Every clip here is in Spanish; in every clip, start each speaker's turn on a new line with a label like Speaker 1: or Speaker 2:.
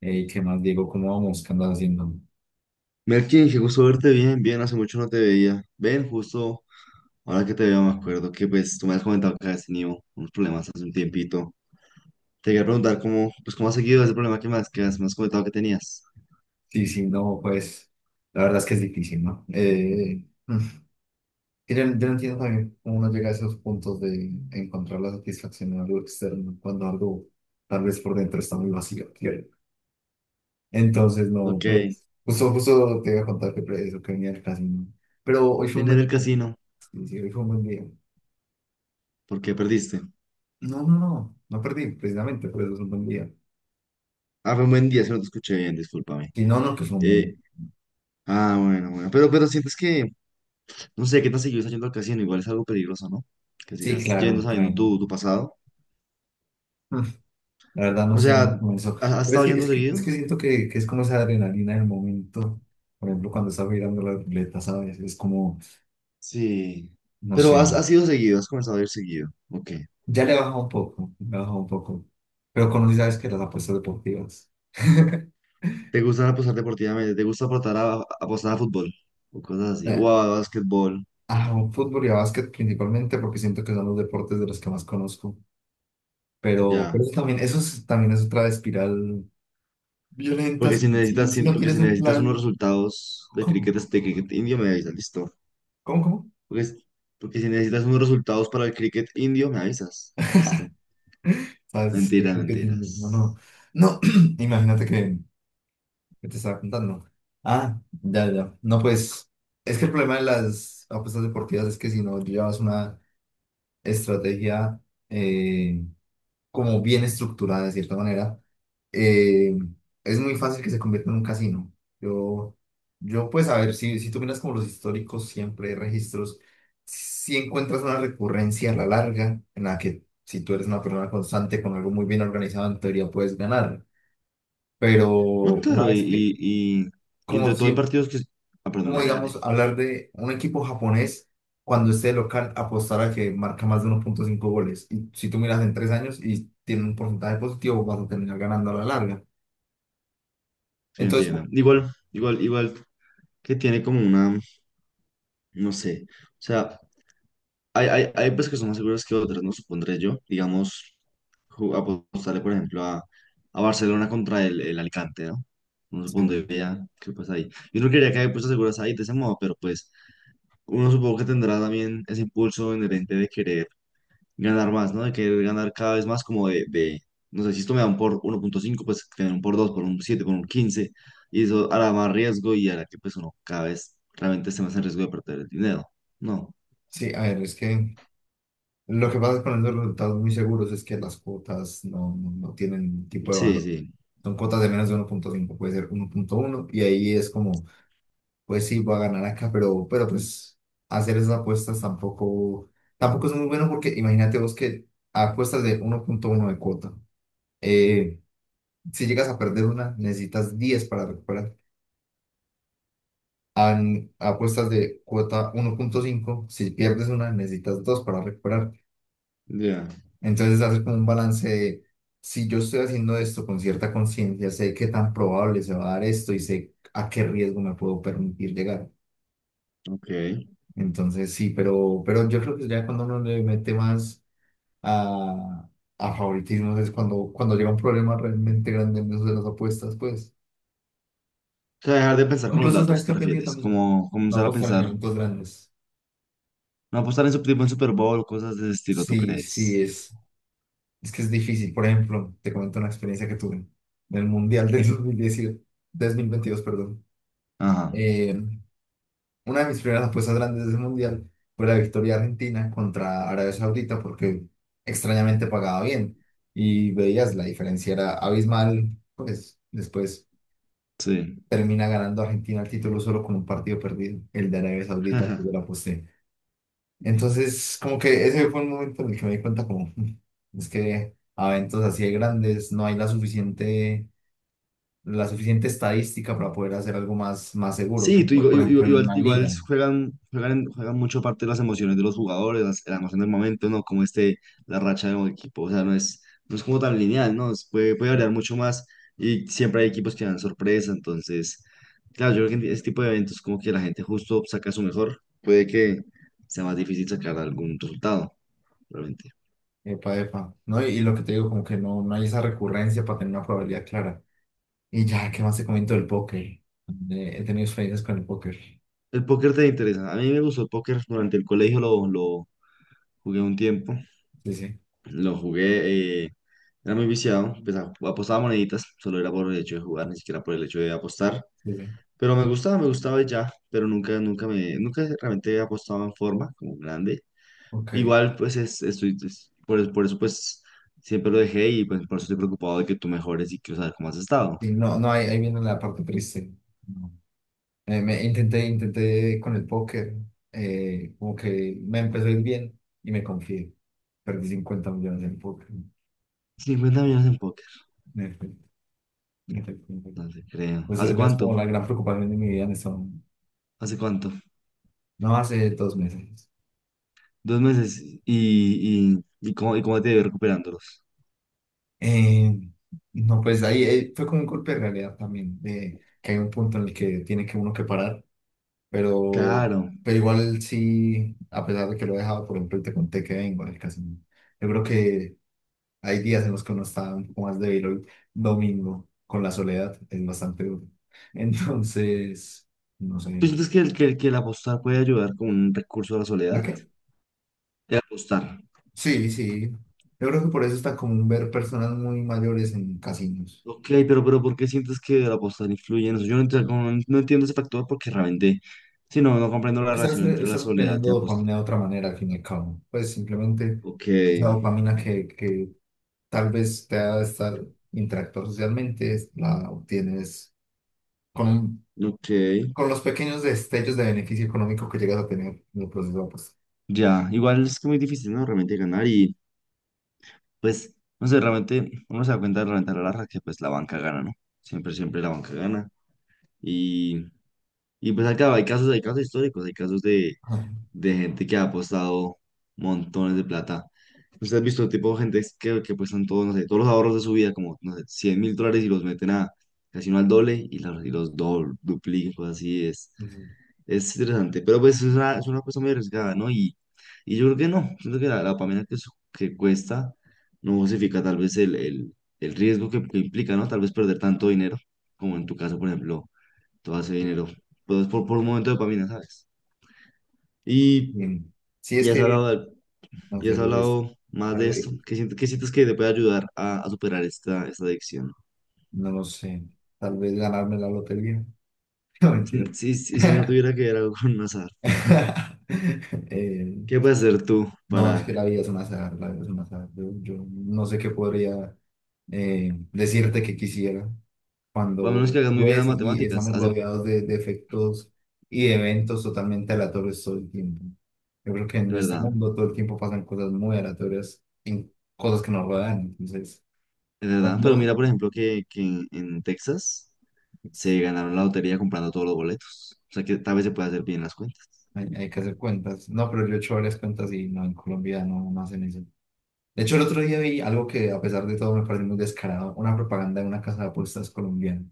Speaker 1: ¿Qué más, Diego? ¿Cómo vamos? ¿Qué andas haciendo?
Speaker 2: Melkin, qué gusto verte bien, bien, hace mucho no te veía. Ven, justo ahora que te veo me acuerdo que pues tú me has comentado que has tenido unos problemas hace un tiempito. Te quería preguntar cómo, pues cómo has seguido ese problema que más me has comentado que tenías.
Speaker 1: Sí, sí, no, pues la verdad es que es difícil, ¿no? Yo no entiendo también cómo uno llega a esos puntos de encontrar la satisfacción en algo externo cuando algo tal vez por dentro está muy vacío, ¿cierto? Entonces, no,
Speaker 2: Ok, vine
Speaker 1: pues justo te iba a contar que eso que venía al casino. Pero hoy fue un buen
Speaker 2: del
Speaker 1: día.
Speaker 2: casino,
Speaker 1: Sí, sí, hoy fue un buen día.
Speaker 2: ¿por qué perdiste?
Speaker 1: No, no, no, no perdí, precisamente, por eso es un buen día.
Speaker 2: Ah, fue un buen día, si no te escuché bien, discúlpame.
Speaker 1: Si no, no, que fue un
Speaker 2: Eh,
Speaker 1: buen.
Speaker 2: ah, bueno, bueno, pero, sientes que, no sé, qué tan seguido estás yendo al casino, igual es algo peligroso, ¿no? Que
Speaker 1: Sí,
Speaker 2: sigas yendo
Speaker 1: claro,
Speaker 2: sabiendo
Speaker 1: claro.
Speaker 2: tu pasado.
Speaker 1: La verdad no
Speaker 2: O
Speaker 1: sé
Speaker 2: sea,
Speaker 1: cómo eso.
Speaker 2: ¿has
Speaker 1: Pero es
Speaker 2: estado
Speaker 1: que,
Speaker 2: yendo
Speaker 1: es que,
Speaker 2: seguido?
Speaker 1: es que siento que es como esa adrenalina del momento. Por ejemplo, cuando estaba mirando la ruleta, ¿sabes? Es como,
Speaker 2: Sí.
Speaker 1: no
Speaker 2: Pero
Speaker 1: sé.
Speaker 2: has ido seguido, has comenzado a ir seguido. Ok.
Speaker 1: Ya le he bajado un poco, le he bajado un poco. Pero conocí, ¿sabes que las apuestas deportivas?
Speaker 2: ¿Te gusta apostar deportivamente? ¿Te gusta apostar a fútbol? O cosas así. O
Speaker 1: Eh,
Speaker 2: a básquetbol.
Speaker 1: A fútbol y a básquet principalmente porque siento que son los deportes de los que más conozco. Pero,
Speaker 2: Ya.
Speaker 1: pero eso también, eso es, también es otra espiral violenta
Speaker 2: Porque si
Speaker 1: si, si,
Speaker 2: necesitas,
Speaker 1: si
Speaker 2: si-
Speaker 1: no
Speaker 2: porque
Speaker 1: tienes
Speaker 2: si
Speaker 1: un
Speaker 2: necesitas unos
Speaker 1: plan.
Speaker 2: resultados
Speaker 1: ¿Cómo?
Speaker 2: de cricket indio, me avisas, listo.
Speaker 1: ¿Cómo? ¿Cómo?
Speaker 2: Porque, es- porque si necesitas unos resultados para el cricket indio, me avisas. Listo.
Speaker 1: ¿Sabes?
Speaker 2: Mentiras,
Speaker 1: No, no.
Speaker 2: mentiras.
Speaker 1: No, imagínate que, ¿qué te estaba contando? Ah, ya, ya. No, pues es que el problema de las apuestas deportivas es que si no llevas una estrategia eh, como bien estructurada de cierta manera, eh, es muy fácil que se convierta en un casino. Yo, yo pues a ver, si tú miras como los históricos siempre hay registros, si encuentras una recurrencia a la larga en la que si tú eres una persona constante con algo muy bien organizado, en teoría puedes ganar. Pero
Speaker 2: No,
Speaker 1: una
Speaker 2: claro, y,
Speaker 1: vez que,
Speaker 2: y, y- y entre
Speaker 1: como
Speaker 2: todo hay
Speaker 1: siempre,
Speaker 2: partidos que... Ah, perdón,
Speaker 1: como
Speaker 2: dale,
Speaker 1: digamos,
Speaker 2: dale.
Speaker 1: hablar de un equipo japonés cuando esté local, apostar a que marca más de 1.5 goles. Y si tú miras en 3 años y tiene un porcentaje positivo, vas a terminar ganando a la larga.
Speaker 2: Sí,
Speaker 1: Entonces, pues,
Speaker 2: entiendo. Igual que tiene como una, no sé. O sea, hay pues que son más seguras que otras, no supondré yo. Digamos, apostarle, por ejemplo, a Barcelona contra el Alicante, ¿no? Uno
Speaker 1: sí,
Speaker 2: supondría que pues ahí. Yo no quería que hay apuestas seguras ahí de ese modo, pero pues uno supongo que tendrá también ese impulso inherente de querer ganar más, ¿no? De querer ganar cada vez más como de no sé, si esto me dan por 1.5, pues que me den por 2 por un 7 por un 15 y eso hará más riesgo y hará que pues uno cada vez realmente esté más en riesgo de perder el dinero. No.
Speaker 1: sí, a ver, es que lo que pasa con esos resultados muy seguros es que las cuotas no tienen tipo de
Speaker 2: Sí,
Speaker 1: valor.
Speaker 2: sí.
Speaker 1: Son cuotas de menos de 1.5, puede ser 1.1, y ahí es como pues sí, voy a ganar acá, pero pues hacer esas apuestas tampoco, tampoco es muy bueno porque imagínate vos que apuestas de 1.1 de cuota. Eh, si llegas a perder una, necesitas 10 para recuperar. Apuestas de cuota 1.5, si pierdes una, necesitas 2 para recuperar.
Speaker 2: Ya.
Speaker 1: Entonces hacer como un balance de, si yo estoy haciendo esto con cierta conciencia, sé qué tan probable se va a dar esto y sé a qué riesgo me puedo permitir llegar.
Speaker 2: Ok.
Speaker 1: Entonces sí, pero yo creo que ya cuando uno le mete más a, a favoritismos es cuando, cuando llega un problema realmente grande en eso de las apuestas, pues.
Speaker 2: O sea, dejar de pensar
Speaker 1: O
Speaker 2: con los
Speaker 1: incluso
Speaker 2: datos,
Speaker 1: sabes que
Speaker 2: ¿te
Speaker 1: aprendí
Speaker 2: refieres?
Speaker 1: también.
Speaker 2: Como
Speaker 1: No
Speaker 2: comenzar a
Speaker 1: apostar en
Speaker 2: pensar,
Speaker 1: eventos grandes.
Speaker 2: no apostar en, tipo en Super Bowl, cosas de ese estilo, ¿tú
Speaker 1: Sí, sí,
Speaker 2: crees?
Speaker 1: es que es difícil. Por ejemplo, te comento una experiencia que tuve en el Mundial de 2010, 2022, perdón.
Speaker 2: Ajá,
Speaker 1: Eh, Una de mis primeras apuestas grandes del Mundial fue la victoria argentina contra Arabia Saudita porque extrañamente pagaba bien y veías la diferencia era abismal, pues después
Speaker 2: sí.
Speaker 1: termina ganando Argentina el título solo con un partido perdido, el de Arabia Saudita, que
Speaker 2: Ajá.
Speaker 1: yo la aposté. Entonces, como que ese fue un momento en el que me di cuenta como, es que a eventos así de grandes no hay la suficiente estadística para poder hacer algo más, más seguro
Speaker 2: Sí,
Speaker 1: que,
Speaker 2: tú, igual,
Speaker 1: por
Speaker 2: igual,
Speaker 1: ejemplo, en
Speaker 2: igual-
Speaker 1: una
Speaker 2: igual
Speaker 1: liga.
Speaker 2: juegan mucho parte de las emociones de los jugadores, la emoción del momento, ¿no? Como este, la racha de un equipo, o sea, no es como tan lineal, ¿no? Puede variar mucho más y siempre hay equipos que dan sorpresa, entonces, claro, yo creo que en este tipo de eventos como que la gente justo saca su mejor, puede que sea más difícil sacar algún resultado realmente.
Speaker 1: Epa, epa. No, y lo que te digo, como que no, no hay esa recurrencia para tener una probabilidad clara. Y ya, ¿qué más te comento del póker? He tenido experiencias con el póker.
Speaker 2: El póker te interesa. A mí me gustó el póker durante el colegio, lo jugué un tiempo.
Speaker 1: Sí, sí,
Speaker 2: Lo jugué, era muy viciado. Pues, apostaba moneditas, solo era por el hecho de jugar, ni siquiera por el hecho de apostar.
Speaker 1: sí, sí.
Speaker 2: Pero me gustaba y ya, pero nunca realmente he apostado en forma, como grande.
Speaker 1: Ok.
Speaker 2: Igual, pues es por eso, pues siempre lo dejé y pues por eso estoy preocupado de que tú mejores y quiero saber cómo has estado.
Speaker 1: Y no, no, ahí viene la parte triste. No. Me intenté con el póker. Como que me empezó a ir bien y me confié. Perdí 50 millones en póker.
Speaker 2: 50 millones en póker,
Speaker 1: En efecto, en efecto, en efecto.
Speaker 2: no te creo.
Speaker 1: Pues
Speaker 2: ¿Hace
Speaker 1: esa es
Speaker 2: cuánto?
Speaker 1: como la gran preocupación de mi vida en eso.
Speaker 2: ¿Hace cuánto?
Speaker 1: No hace 2 meses.
Speaker 2: 2 meses y cómo te ves recuperándolos.
Speaker 1: Eh, no, pues ahí, fue como un golpe de realidad también, de que hay un punto en el que tiene que uno que parar, pero,
Speaker 2: Claro.
Speaker 1: pero igual sí, a pesar de que lo he dejado, por ejemplo, y te conté que vengo del casino, yo creo que hay días en los que uno está un poco más débil hoy, domingo, con la soledad, es bastante duro. Entonces, no
Speaker 2: ¿Tú
Speaker 1: sé,
Speaker 2: sientes que el apostar puede ayudar como un recurso a la
Speaker 1: ¿la
Speaker 2: soledad?
Speaker 1: qué?
Speaker 2: El apostar.
Speaker 1: Sí, sí, yo creo que por eso está común ver personas muy mayores en casinos.
Speaker 2: Ok, pero ¿por qué sientes que el apostar influye en eso? Yo no, ent- como no no entiendo ese factor porque realmente, si no, no comprendo la
Speaker 1: Porque estás,
Speaker 2: relación entre la
Speaker 1: estás
Speaker 2: soledad
Speaker 1: obteniendo
Speaker 2: y apostar.
Speaker 1: dopamina de otra manera, al fin y al cabo. Pues simplemente
Speaker 2: Ok,
Speaker 1: la dopamina que tal vez te ha de estar interactuar socialmente, la obtienes con,
Speaker 2: ok.
Speaker 1: con los pequeños destellos de beneficio económico que llegas a tener en el proceso. Pues.
Speaker 2: Ya, igual es que muy difícil, ¿no? Realmente ganar y pues, no sé, realmente uno se da cuenta realmente a la larga que pues la banca gana, ¿no? Siempre, siempre la banca gana. Y pues acá hay casos históricos, hay casos de,
Speaker 1: Ah,
Speaker 2: de gente que ha apostado montones de plata. Usted ha visto tipo de gente que apuestan todos, no sé, todos los ahorros de su vida, como, no sé, 100 mil dólares y los meten a casino al doble y los doble, duplican, cosas así, es,
Speaker 1: ujú.
Speaker 2: es interesante. Pero pues es una apuesta muy arriesgada, ¿no? Y yo creo que no, siento que la pamela que cuesta no justifica tal vez el riesgo que implica, ¿no? Tal vez perder tanto dinero, como en tu caso, por ejemplo todo ese dinero. Pues por un momento de dopamina, ¿sabes? Y,
Speaker 1: Bien. Sí,
Speaker 2: y
Speaker 1: es
Speaker 2: has
Speaker 1: que,
Speaker 2: hablado, del-
Speaker 1: no
Speaker 2: y
Speaker 1: sé,
Speaker 2: has
Speaker 1: es
Speaker 2: hablado más de
Speaker 1: algo
Speaker 2: esto.
Speaker 1: difícil.
Speaker 2: ¿Qué sientes que te puede ayudar a superar esta adicción?
Speaker 1: No lo sé. Tal vez ganarme la lotería. No,
Speaker 2: Si,
Speaker 1: mentira.
Speaker 2: si, si si no tuviera que ver algo con azar,
Speaker 1: Eh,
Speaker 2: ¿qué puedes hacer tú
Speaker 1: No, es que
Speaker 2: para,
Speaker 1: la vida es una azar, la vida es un azar. Yo no sé qué podría decirte que quisiera
Speaker 2: o a
Speaker 1: cuando
Speaker 2: menos que hagas muy bien las
Speaker 1: ves y
Speaker 2: matemáticas?
Speaker 1: estamos
Speaker 2: Hace,
Speaker 1: rodeados de efectos y de eventos totalmente aleatorios todo el tiempo. Yo creo que en
Speaker 2: es
Speaker 1: este
Speaker 2: verdad,
Speaker 1: mundo todo el tiempo pasan cosas muy aleatorias en cosas que nos rodean. Entonces,
Speaker 2: es
Speaker 1: no,
Speaker 2: verdad. Pero
Speaker 1: no,
Speaker 2: mira, por ejemplo, que en Texas
Speaker 1: pues,
Speaker 2: se ganaron la lotería comprando todos los boletos. O sea que tal vez se puede hacer bien las cuentas.
Speaker 1: hay que hacer cuentas. No, pero yo he hecho varias cuentas y no, en Colombia no, no hacen eso. De hecho, el otro día vi algo que a pesar de todo me parece muy descarado, una propaganda de una casa de apuestas colombiana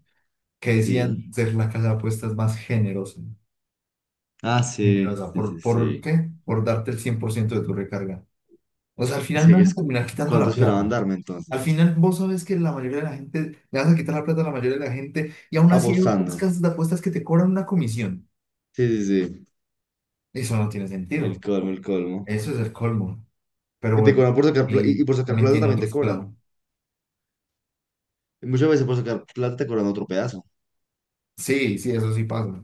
Speaker 1: que decían
Speaker 2: Sí.
Speaker 1: ser la casa de apuestas más generosa,
Speaker 2: Ah, sí,
Speaker 1: generosa.
Speaker 2: sí, sí,
Speaker 1: Por
Speaker 2: sí.
Speaker 1: qué? Por darte el 100% de tu recarga. O sea, al
Speaker 2: Es
Speaker 1: final me
Speaker 2: que
Speaker 1: van a
Speaker 2: es-
Speaker 1: terminar quitando
Speaker 2: ¿cuánto
Speaker 1: la plata.
Speaker 2: esperaban darme entonces?
Speaker 1: Al final vos sabes que la mayoría de la gente, le vas a quitar la plata a la mayoría de la gente y aún así hay otras
Speaker 2: Apostando.
Speaker 1: casas de apuestas que te cobran una comisión.
Speaker 2: Sí, sí, sí.
Speaker 1: Eso no tiene
Speaker 2: El
Speaker 1: sentido.
Speaker 2: colmo, el colmo.
Speaker 1: Eso es el colmo. Pero
Speaker 2: Y te
Speaker 1: bueno,
Speaker 2: cobran por sacar plata. Y
Speaker 1: y
Speaker 2: por sacar
Speaker 1: también
Speaker 2: plata
Speaker 1: tiene
Speaker 2: también te
Speaker 1: otros
Speaker 2: cobran.
Speaker 1: clavos.
Speaker 2: Y muchas veces por sacar plata te cobran otro pedazo.
Speaker 1: Sí, sí, eso sí pasa.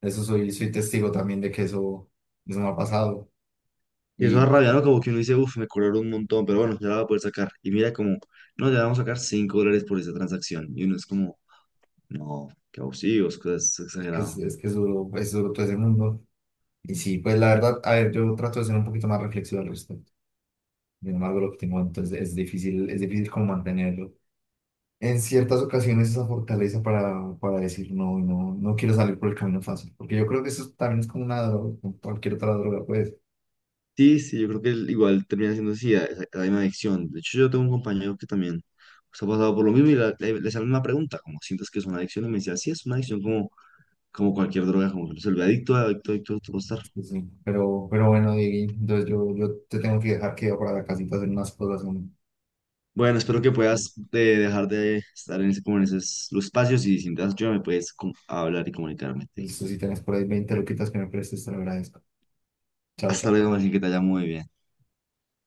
Speaker 1: Eso soy, soy testigo también de que eso me ha pasado.
Speaker 2: Y eso
Speaker 1: Y
Speaker 2: es rabia, ¿no? Como que uno dice, uff, me cobraron un montón, pero bueno, ya la voy a poder sacar. Y mira como, no, ya vamos a sacar $5 por esa transacción. Y uno es como, no, qué abusivos, cosas exageradas.
Speaker 1: es que es duro todo ese mundo. Y sí, pues la verdad, a ver, yo trato de ser un poquito más reflexivo al respecto. Sin embargo, lo que tengo entonces es difícil como mantenerlo. En ciertas ocasiones esa fortaleza para decir no, no, no quiero salir por el camino fácil. Porque yo creo que eso también es como una droga, como cualquier otra droga, pues.
Speaker 2: Sí, sí, yo creo que igual termina siendo así, la misma adicción. De hecho, yo tengo un compañero que también se ha pasado por lo mismo y le sale una pregunta, como sientes que es una adicción, y me decía, sí, es una adicción como cualquier droga, como que se vuelve adicto a estar.
Speaker 1: Sí, sí. Pero bueno, Diego, entonces yo te tengo que dejar que yo para la casita a hacer unas cosas.
Speaker 2: Bueno, espero que puedas dejar de estar en ese, como en esos los espacios y si necesitas ayuda me puedes hablar y comunicarme.
Speaker 1: Listo, si tenés por ahí 20 loquitas que me prestes, te lo agradezco. Chao,
Speaker 2: Hasta
Speaker 1: chao.
Speaker 2: luego, así que te haya muy bien.